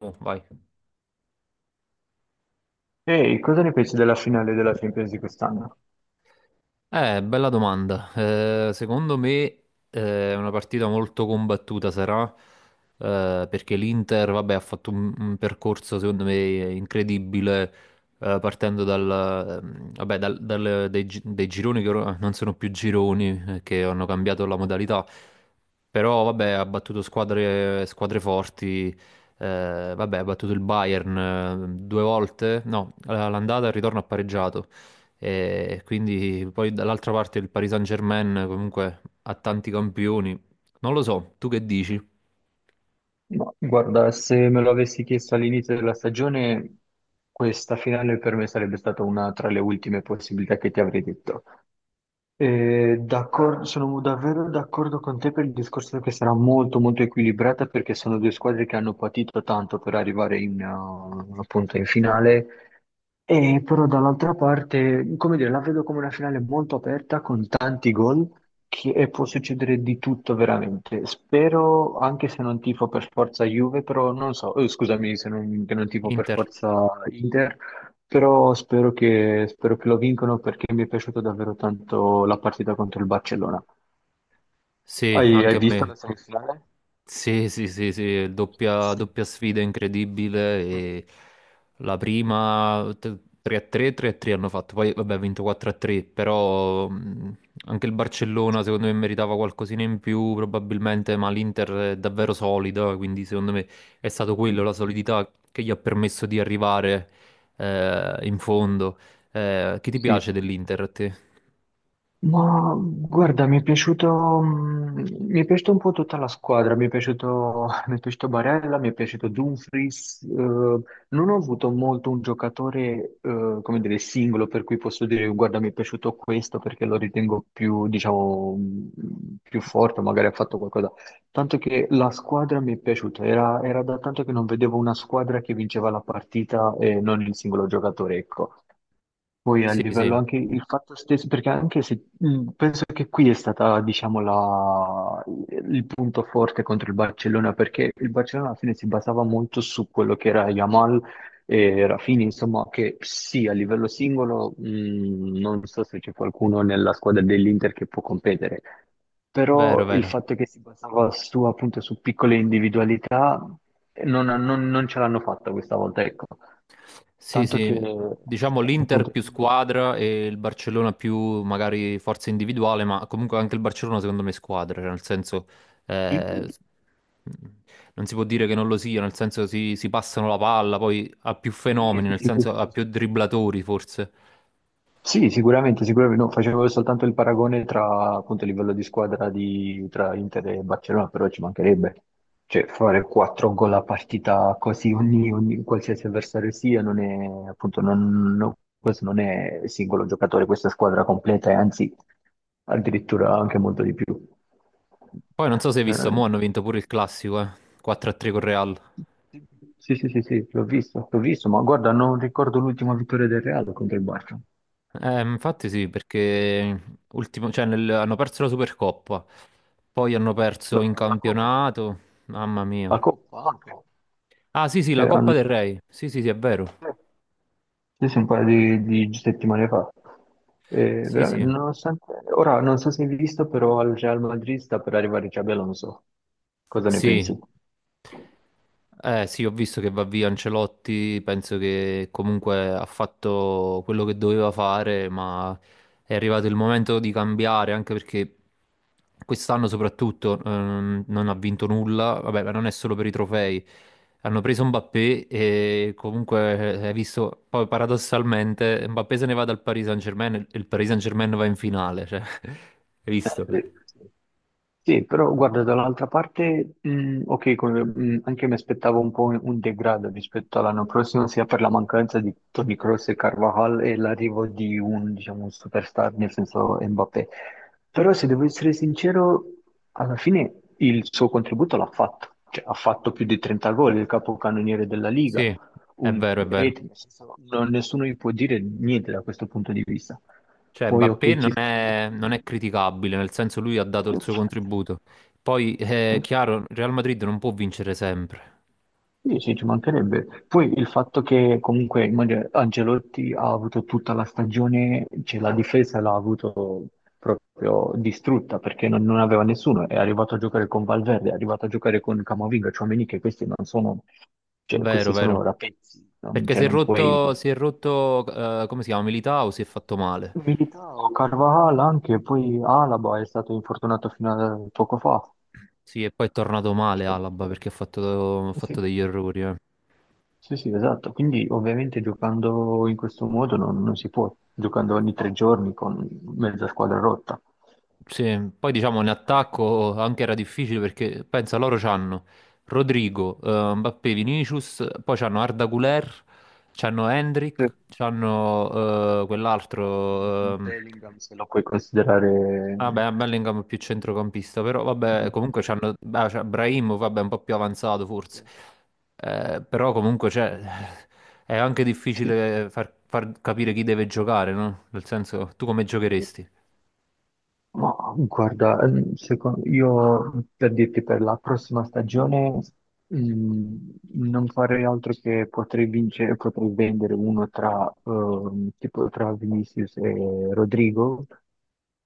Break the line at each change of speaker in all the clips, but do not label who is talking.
Oh, vai.
Ehi, cosa ne pensi della finale della Champions di quest'anno?
Bella domanda. Secondo me è una partita molto combattuta sarà, perché l'Inter, vabbè, ha fatto un percorso secondo me incredibile, partendo dal, vabbè, dai, dai gironi che ora non sono più gironi, che hanno cambiato la modalità, però vabbè, ha battuto squadre forti, vabbè, ha battuto il Bayern due volte, no, all'andata e al ritorno ha pareggiato. E quindi poi dall'altra parte il Paris Saint-Germain comunque ha tanti campioni. Non lo so, tu che dici?
Ma guarda, se me lo avessi chiesto all'inizio della stagione, questa finale per me sarebbe stata una tra le ultime possibilità che ti avrei detto. Sono davvero d'accordo con te per il discorso che sarà molto equilibrata perché sono due squadre che hanno patito tanto per arrivare in, appunto in finale. E però dall'altra parte, come dire, la vedo come una finale molto aperta con tanti gol e può succedere di tutto veramente. Spero, anche se non tifo per forza Juve, però non so, scusami se non, che non tifo per
Inter?
forza Inter, però spero che lo vincono perché mi è piaciuta davvero tanto la partita contro il Barcellona.
Sì,
Hai
anche a
visto
me.
la semifinale?
Sì, sì, sì, sì,
Sì.
doppia sfida incredibile. E la 3-3, 3-3 hanno fatto, poi vabbè, ha vinto 4-3, però anche il Barcellona secondo me meritava qualcosina in più probabilmente, ma l'Inter è davvero solida, quindi secondo me è stato quello,
Mm.
la solidità che gli ha permesso di arrivare in fondo. Che ti
Sì.
piace dell'Inter a te?
Ma guarda, mi è piaciuto, mi è piaciuta un po' tutta la squadra, mi è piaciuto, mi è piaciuto Barella, mi è piaciuto Dumfries, non ho avuto molto un giocatore, come dire, singolo per cui posso dire guarda mi è piaciuto questo perché lo ritengo più, diciamo, più forte, magari ha fatto qualcosa, tanto che la squadra mi è piaciuta, era da tanto che non vedevo una squadra che vinceva la partita e non il singolo giocatore, ecco. Poi a
Sì,
livello
sì,
anche il fatto stesso, perché anche se penso che qui è stata, diciamo, la- il punto forte contro il Barcellona, perché il Barcellona alla fine si basava molto su quello che era Yamal e Rafinha, insomma, che sì, a livello singolo, non so se c'è qualcuno nella squadra dell'Inter che può competere,
vero,
però il
vero.
fatto che si basava su, appunto, su piccole individualità non ce l'hanno fatta questa volta, ecco.
Sì,
Tanto che
sì, diciamo l'Inter
appunto,
più squadra e il Barcellona più magari forza individuale, ma comunque anche il Barcellona secondo me è squadra, cioè nel senso
sì,
eh, s- non si può dire che non lo sia, nel senso si passano la palla, poi ha più fenomeni,
sì,
nel
sì,
senso
sì,
ha
sì,
più
sì.
dribblatori forse.
Sì, sì, sicuramente, sicuramente. No, facevo soltanto il paragone tra appunto il livello di squadra di, tra Inter e Barcellona, però ci mancherebbe. Cioè, fare quattro gol a partita così ogni, ogni- qualsiasi avversario sia, non è, appunto, non- no, questo non è singolo giocatore, questa è squadra completa e anzi addirittura anche molto di più.
Poi non so se hai visto,
Eh,
mo hanno vinto pure il classico, 4-3 con Real.
sì, sì, sì, sì, l'ho visto, ma guarda, non ricordo l'ultima vittoria del Real contro il Barça.
Infatti sì, perché cioè, hanno perso la Supercoppa, poi hanno perso in
La Coppa,
campionato, mamma mia.
la Coppa,
Ah, sì, sì, la
cioè
Coppa del
hanno
Re. Sì, sì, sì, è vero.
sì, sì, un paio di settimane fa. E
Sì,
veramente,
sì.
nonostante, ora non so se hai visto, però al Real Madrid sta per arrivare Xabi Alonso. Cosa ne
Sì.
pensi?
Sì, ho visto che va via Ancelotti, penso che comunque ha fatto quello che doveva fare, ma è arrivato il momento di cambiare, anche perché quest'anno soprattutto non ha vinto nulla, vabbè, ma non è solo per i
Mhm.
trofei. Hanno preso Mbappé e comunque hai visto, poi paradossalmente Mbappé se ne va dal Paris Saint-Germain e il Paris Saint-Germain va in finale, cioè, hai visto?
Sì. Sì, però guarda, dall'altra parte, ok, come- anche mi aspettavo un po' un degrado rispetto all'anno prossimo, sia per la mancanza di Toni Kroos e Carvajal e l'arrivo di un, diciamo, un superstar, nel senso Mbappé. Però se devo essere sincero, alla fine il suo contributo l'ha fatto, cioè ha fatto più di 30 gol, il capocannoniere della Liga,
Sì, è
un
vero, è vero.
rete, nel senso, non- nessuno gli può dire niente da questo punto di vista.
Cioè,
Poi
Mbappé
ok, ci
non
stanno...
è,
tu-
non è criticabile, nel senso lui ha dato il suo
infatti.
contributo. Poi, è chiaro, Real Madrid non può vincere sempre.
Sì, sì, ci mancherebbe. Poi il fatto che comunque immagino, Ancelotti ha avuto tutta la stagione, cioè la difesa l'ha avuto proprio distrutta perché non aveva nessuno, è arrivato a giocare con Valverde, è arrivato a giocare con Camavinga, Tchouaméni, che questi non sono, cioè,
Vero,
questi
vero.
sono rapezzi, non,
Perché
cioè, non puoi...
si è rotto, come si chiama, Militao, si è fatto male.
Militao, Carvajal anche, poi Alaba è stato infortunato fino a poco fa.
Sì, e poi è tornato male
Cioè,
Alaba perché ha
sì,
fatto degli errori.
sì, sì, esatto. Quindi ovviamente giocando in questo modo non si può, giocando ogni tre giorni con mezza squadra rotta.
Sì, poi diciamo in attacco anche era difficile perché pensa loro c'hanno Rodrigo, Mbappé, Vinicius, poi c'hanno Arda Güler, c'hanno
Sì.
Hendrik, c'hanno quell'altro,
Bellingham se lo puoi considerare...
vabbè Bellingham è più centrocampista, però vabbè
Mm.
comunque c'hanno c'è Brahim, vabbè un po' più avanzato forse. Però comunque c'è, è anche
Sì.
difficile far capire chi deve giocare, no? Nel senso tu come
Sì.
giocheresti?
Ma guarda, io per dirti per la prossima stagione mm, non farei altro che potrei vincere, potrei vendere uno tra, tipo tra Vinicius e Rodrigo,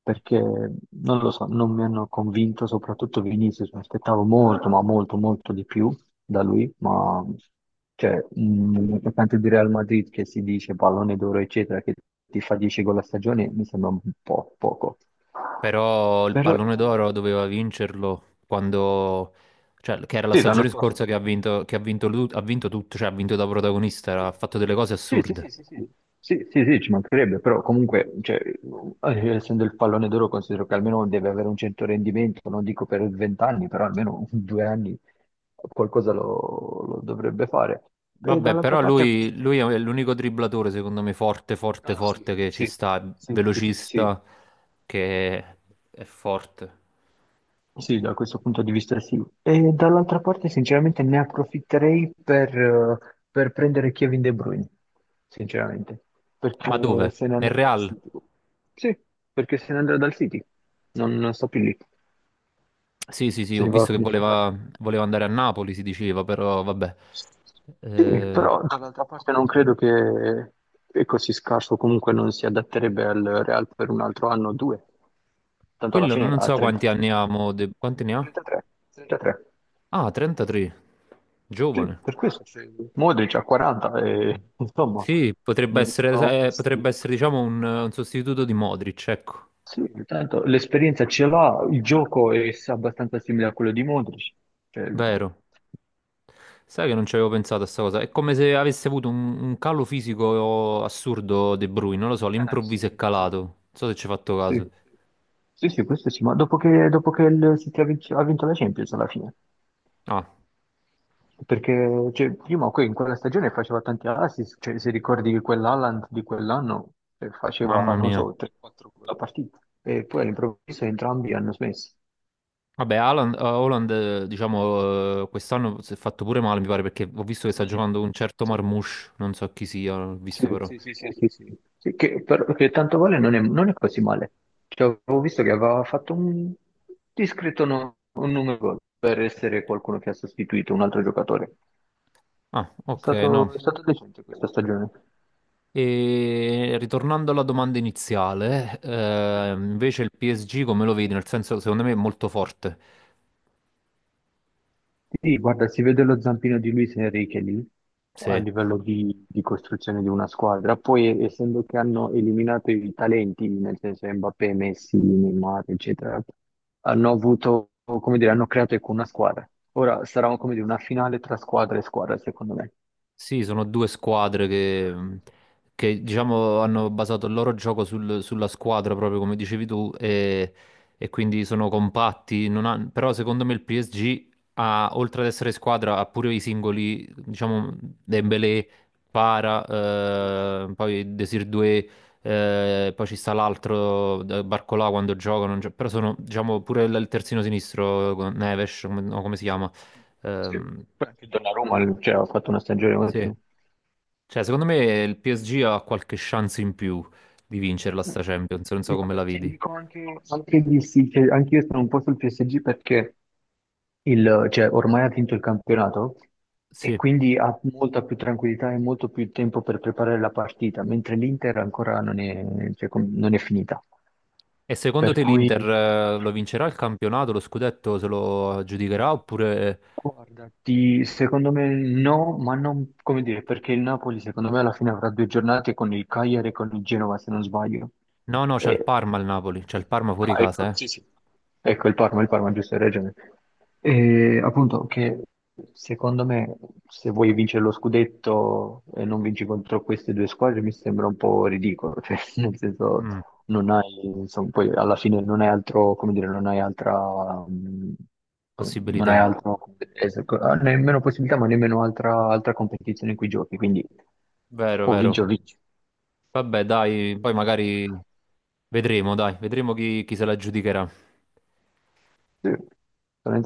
perché non lo so, non mi hanno convinto, soprattutto Vinicius, mi aspettavo molto, ma molto di più da lui, ma cioè, un attaccante di Real Madrid che si dice pallone d'oro, eccetera, che ti fa 10 gol a stagione, mi sembra un po' poco.
Però il
Però è
pallone d'oro
dalla-
doveva vincerlo quando, cioè, che era la
Sì, l'anno
stagione
scorso
scorsa che ha
ovviamente.
vinto, ha vinto tutto, cioè ha vinto da protagonista, ha fatto delle cose
Sì, sì, sì,
assurde.
sì, sì, sì. Sì, sì, sì, ci mancherebbe, però comunque, cioè, essendo il pallone d'oro, considero che almeno deve avere un certo rendimento, non dico per 20 anni, però almeno due anni qualcosa lo dovrebbe fare. E
Vabbè,
dall'altra
però
parte acquista.
lui è l'unico dribblatore, secondo me, forte che ci
Sì,
sta, è
sì, sì, sì, sì,
velocista, che è forte.
sì, da questo punto di vista sì. E dall'altra parte, sinceramente, ne approfitterei per prendere Kevin De Bruyne, sinceramente, perché
Ma dove?
se ne
Nel
andrà dal
Real?
City. Sì, perché se ne andrà dal City, non sto più lì,
Sì, sì, sì,
se
ho
ne va a
visto che
fine stagione.
voleva, voleva andare a Napoli, si diceva, però vabbè.
Sì,
Eh,
però dall'altra parte non credo che è così scarso, comunque non si adatterebbe al Real per un altro anno o due, tanto alla
Quello
fine
non
ha
so quanti
33
anni ha,
anni.
mo, quanti ne ha?
33, 33.
Ah, 33,
Sì,
giovane.
per questo. C'è Modric ha 40 e insomma
Sì,
non sono così,
potrebbe
ecco.
essere, diciamo, un sostituto di Modric, ecco,
Sì, tanto l'esperienza ce l'ha, il gioco è abbastanza simile a quello di Modric. Cioè,
vero. Sai che non ci avevo pensato a sta cosa. È come se avesse avuto un calo fisico assurdo De Bruyne, non lo so, all'improvviso è calato. Non so se ci hai fatto
sì.
caso.
Sì, sì, questo sì, ma dopo che il City ha vinto la Champions alla fine,
Ah,
perché cioè, prima que- in quella stagione faceva tanti assist, cioè, se ricordi che quell'Haaland di quell'anno faceva,
mamma
non
mia.
so, 3-4 la partita, e poi all'improvviso entrambi hanno smesso.
Vabbè, Haaland, diciamo, quest'anno si è fatto pure male, mi pare, perché ho visto che sta
Mm.
giocando un certo Marmoush, non so chi sia, ho
Sì,
visto però.
sì, sì, sì, sì, sì. Sì, che, per- che tanto vale non è, non è così male. Cioè, avevo visto che aveva fatto un discreto no- un numero gol per essere qualcuno che ha sostituito un altro giocatore.
Ah, ok, no.
È stato decente questa stagione.
E ritornando alla domanda iniziale, invece il PSG come lo vedi? Nel senso, secondo me è molto forte.
Sì, guarda, si vede lo zampino di Luis Enrique lì a
Sì.
livello di costruzione di una squadra. Poi, essendo che hanno eliminato i talenti, nel senso Mbappé, Messi, Neymar, eccetera, hanno avuto, come dire, hanno creato ecco, una squadra. Ora sarà, come dire, una finale tra squadra e squadra, secondo me.
Sì, sono due squadre che, che, diciamo, hanno basato il loro gioco sulla squadra, proprio come dicevi tu, e quindi sono compatti. Non han- Però secondo me il PSG ha, oltre ad essere squadra, ha pure i singoli, diciamo, Dembélé, Para, poi Desir Doué, poi ci sta l'altro, Barcolà quando gioca, non gio- però sono, diciamo, pure il terzino sinistro, Neves, come, no, come si chiama?
Sì,
Ehm,
poi anche Donnarumma, cioè, ha fatto una stagione
sì.
ottima.
Cioè, secondo me il PSG ha qualche chance in più di vincerla sta Champions, non so come
Guarda,
la
ti
vedi.
dico anche, anche di sì, che anche io sono un po' sul PSG perché il- cioè, ormai ha vinto il campionato e
Sì.
quindi ha molta più tranquillità e molto più tempo per preparare la partita, mentre l'Inter ancora non è, cioè, com- non è finita.
E secondo
Per
te
cui
l'Inter lo vincerà il campionato, lo scudetto se lo aggiudicherà oppure...
guarda, ti- secondo me no, ma non come dire, perché il Napoli secondo me alla fine avrà due giornate con il Cagliari e con il Genova, se non sbaglio.
No, no, c'è il
E-
Parma al Napoli, c'è il Parma fuori
ah, ecco,
casa, eh?
sì, sì. Ecco, il Parma, giusto, hai ragione. E, appunto, che secondo me se vuoi vincere lo scudetto e non vinci contro queste due squadre mi sembra un po' ridicolo, cioè, nel senso,
Mm,
non hai, insomma, poi alla fine non hai altro, come dire, non hai altra, mh, come- non hai
possibilità.
altro, come dire, es- co- ah, nemmeno possibilità, ma nemmeno altra, altra competizione in cui giochi, quindi
Vero,
o
vero.
vinci o vinci.
Vabbè, dai, poi magari vedremo, dai, vedremo chi, chi se la aggiudicherà.
Sì.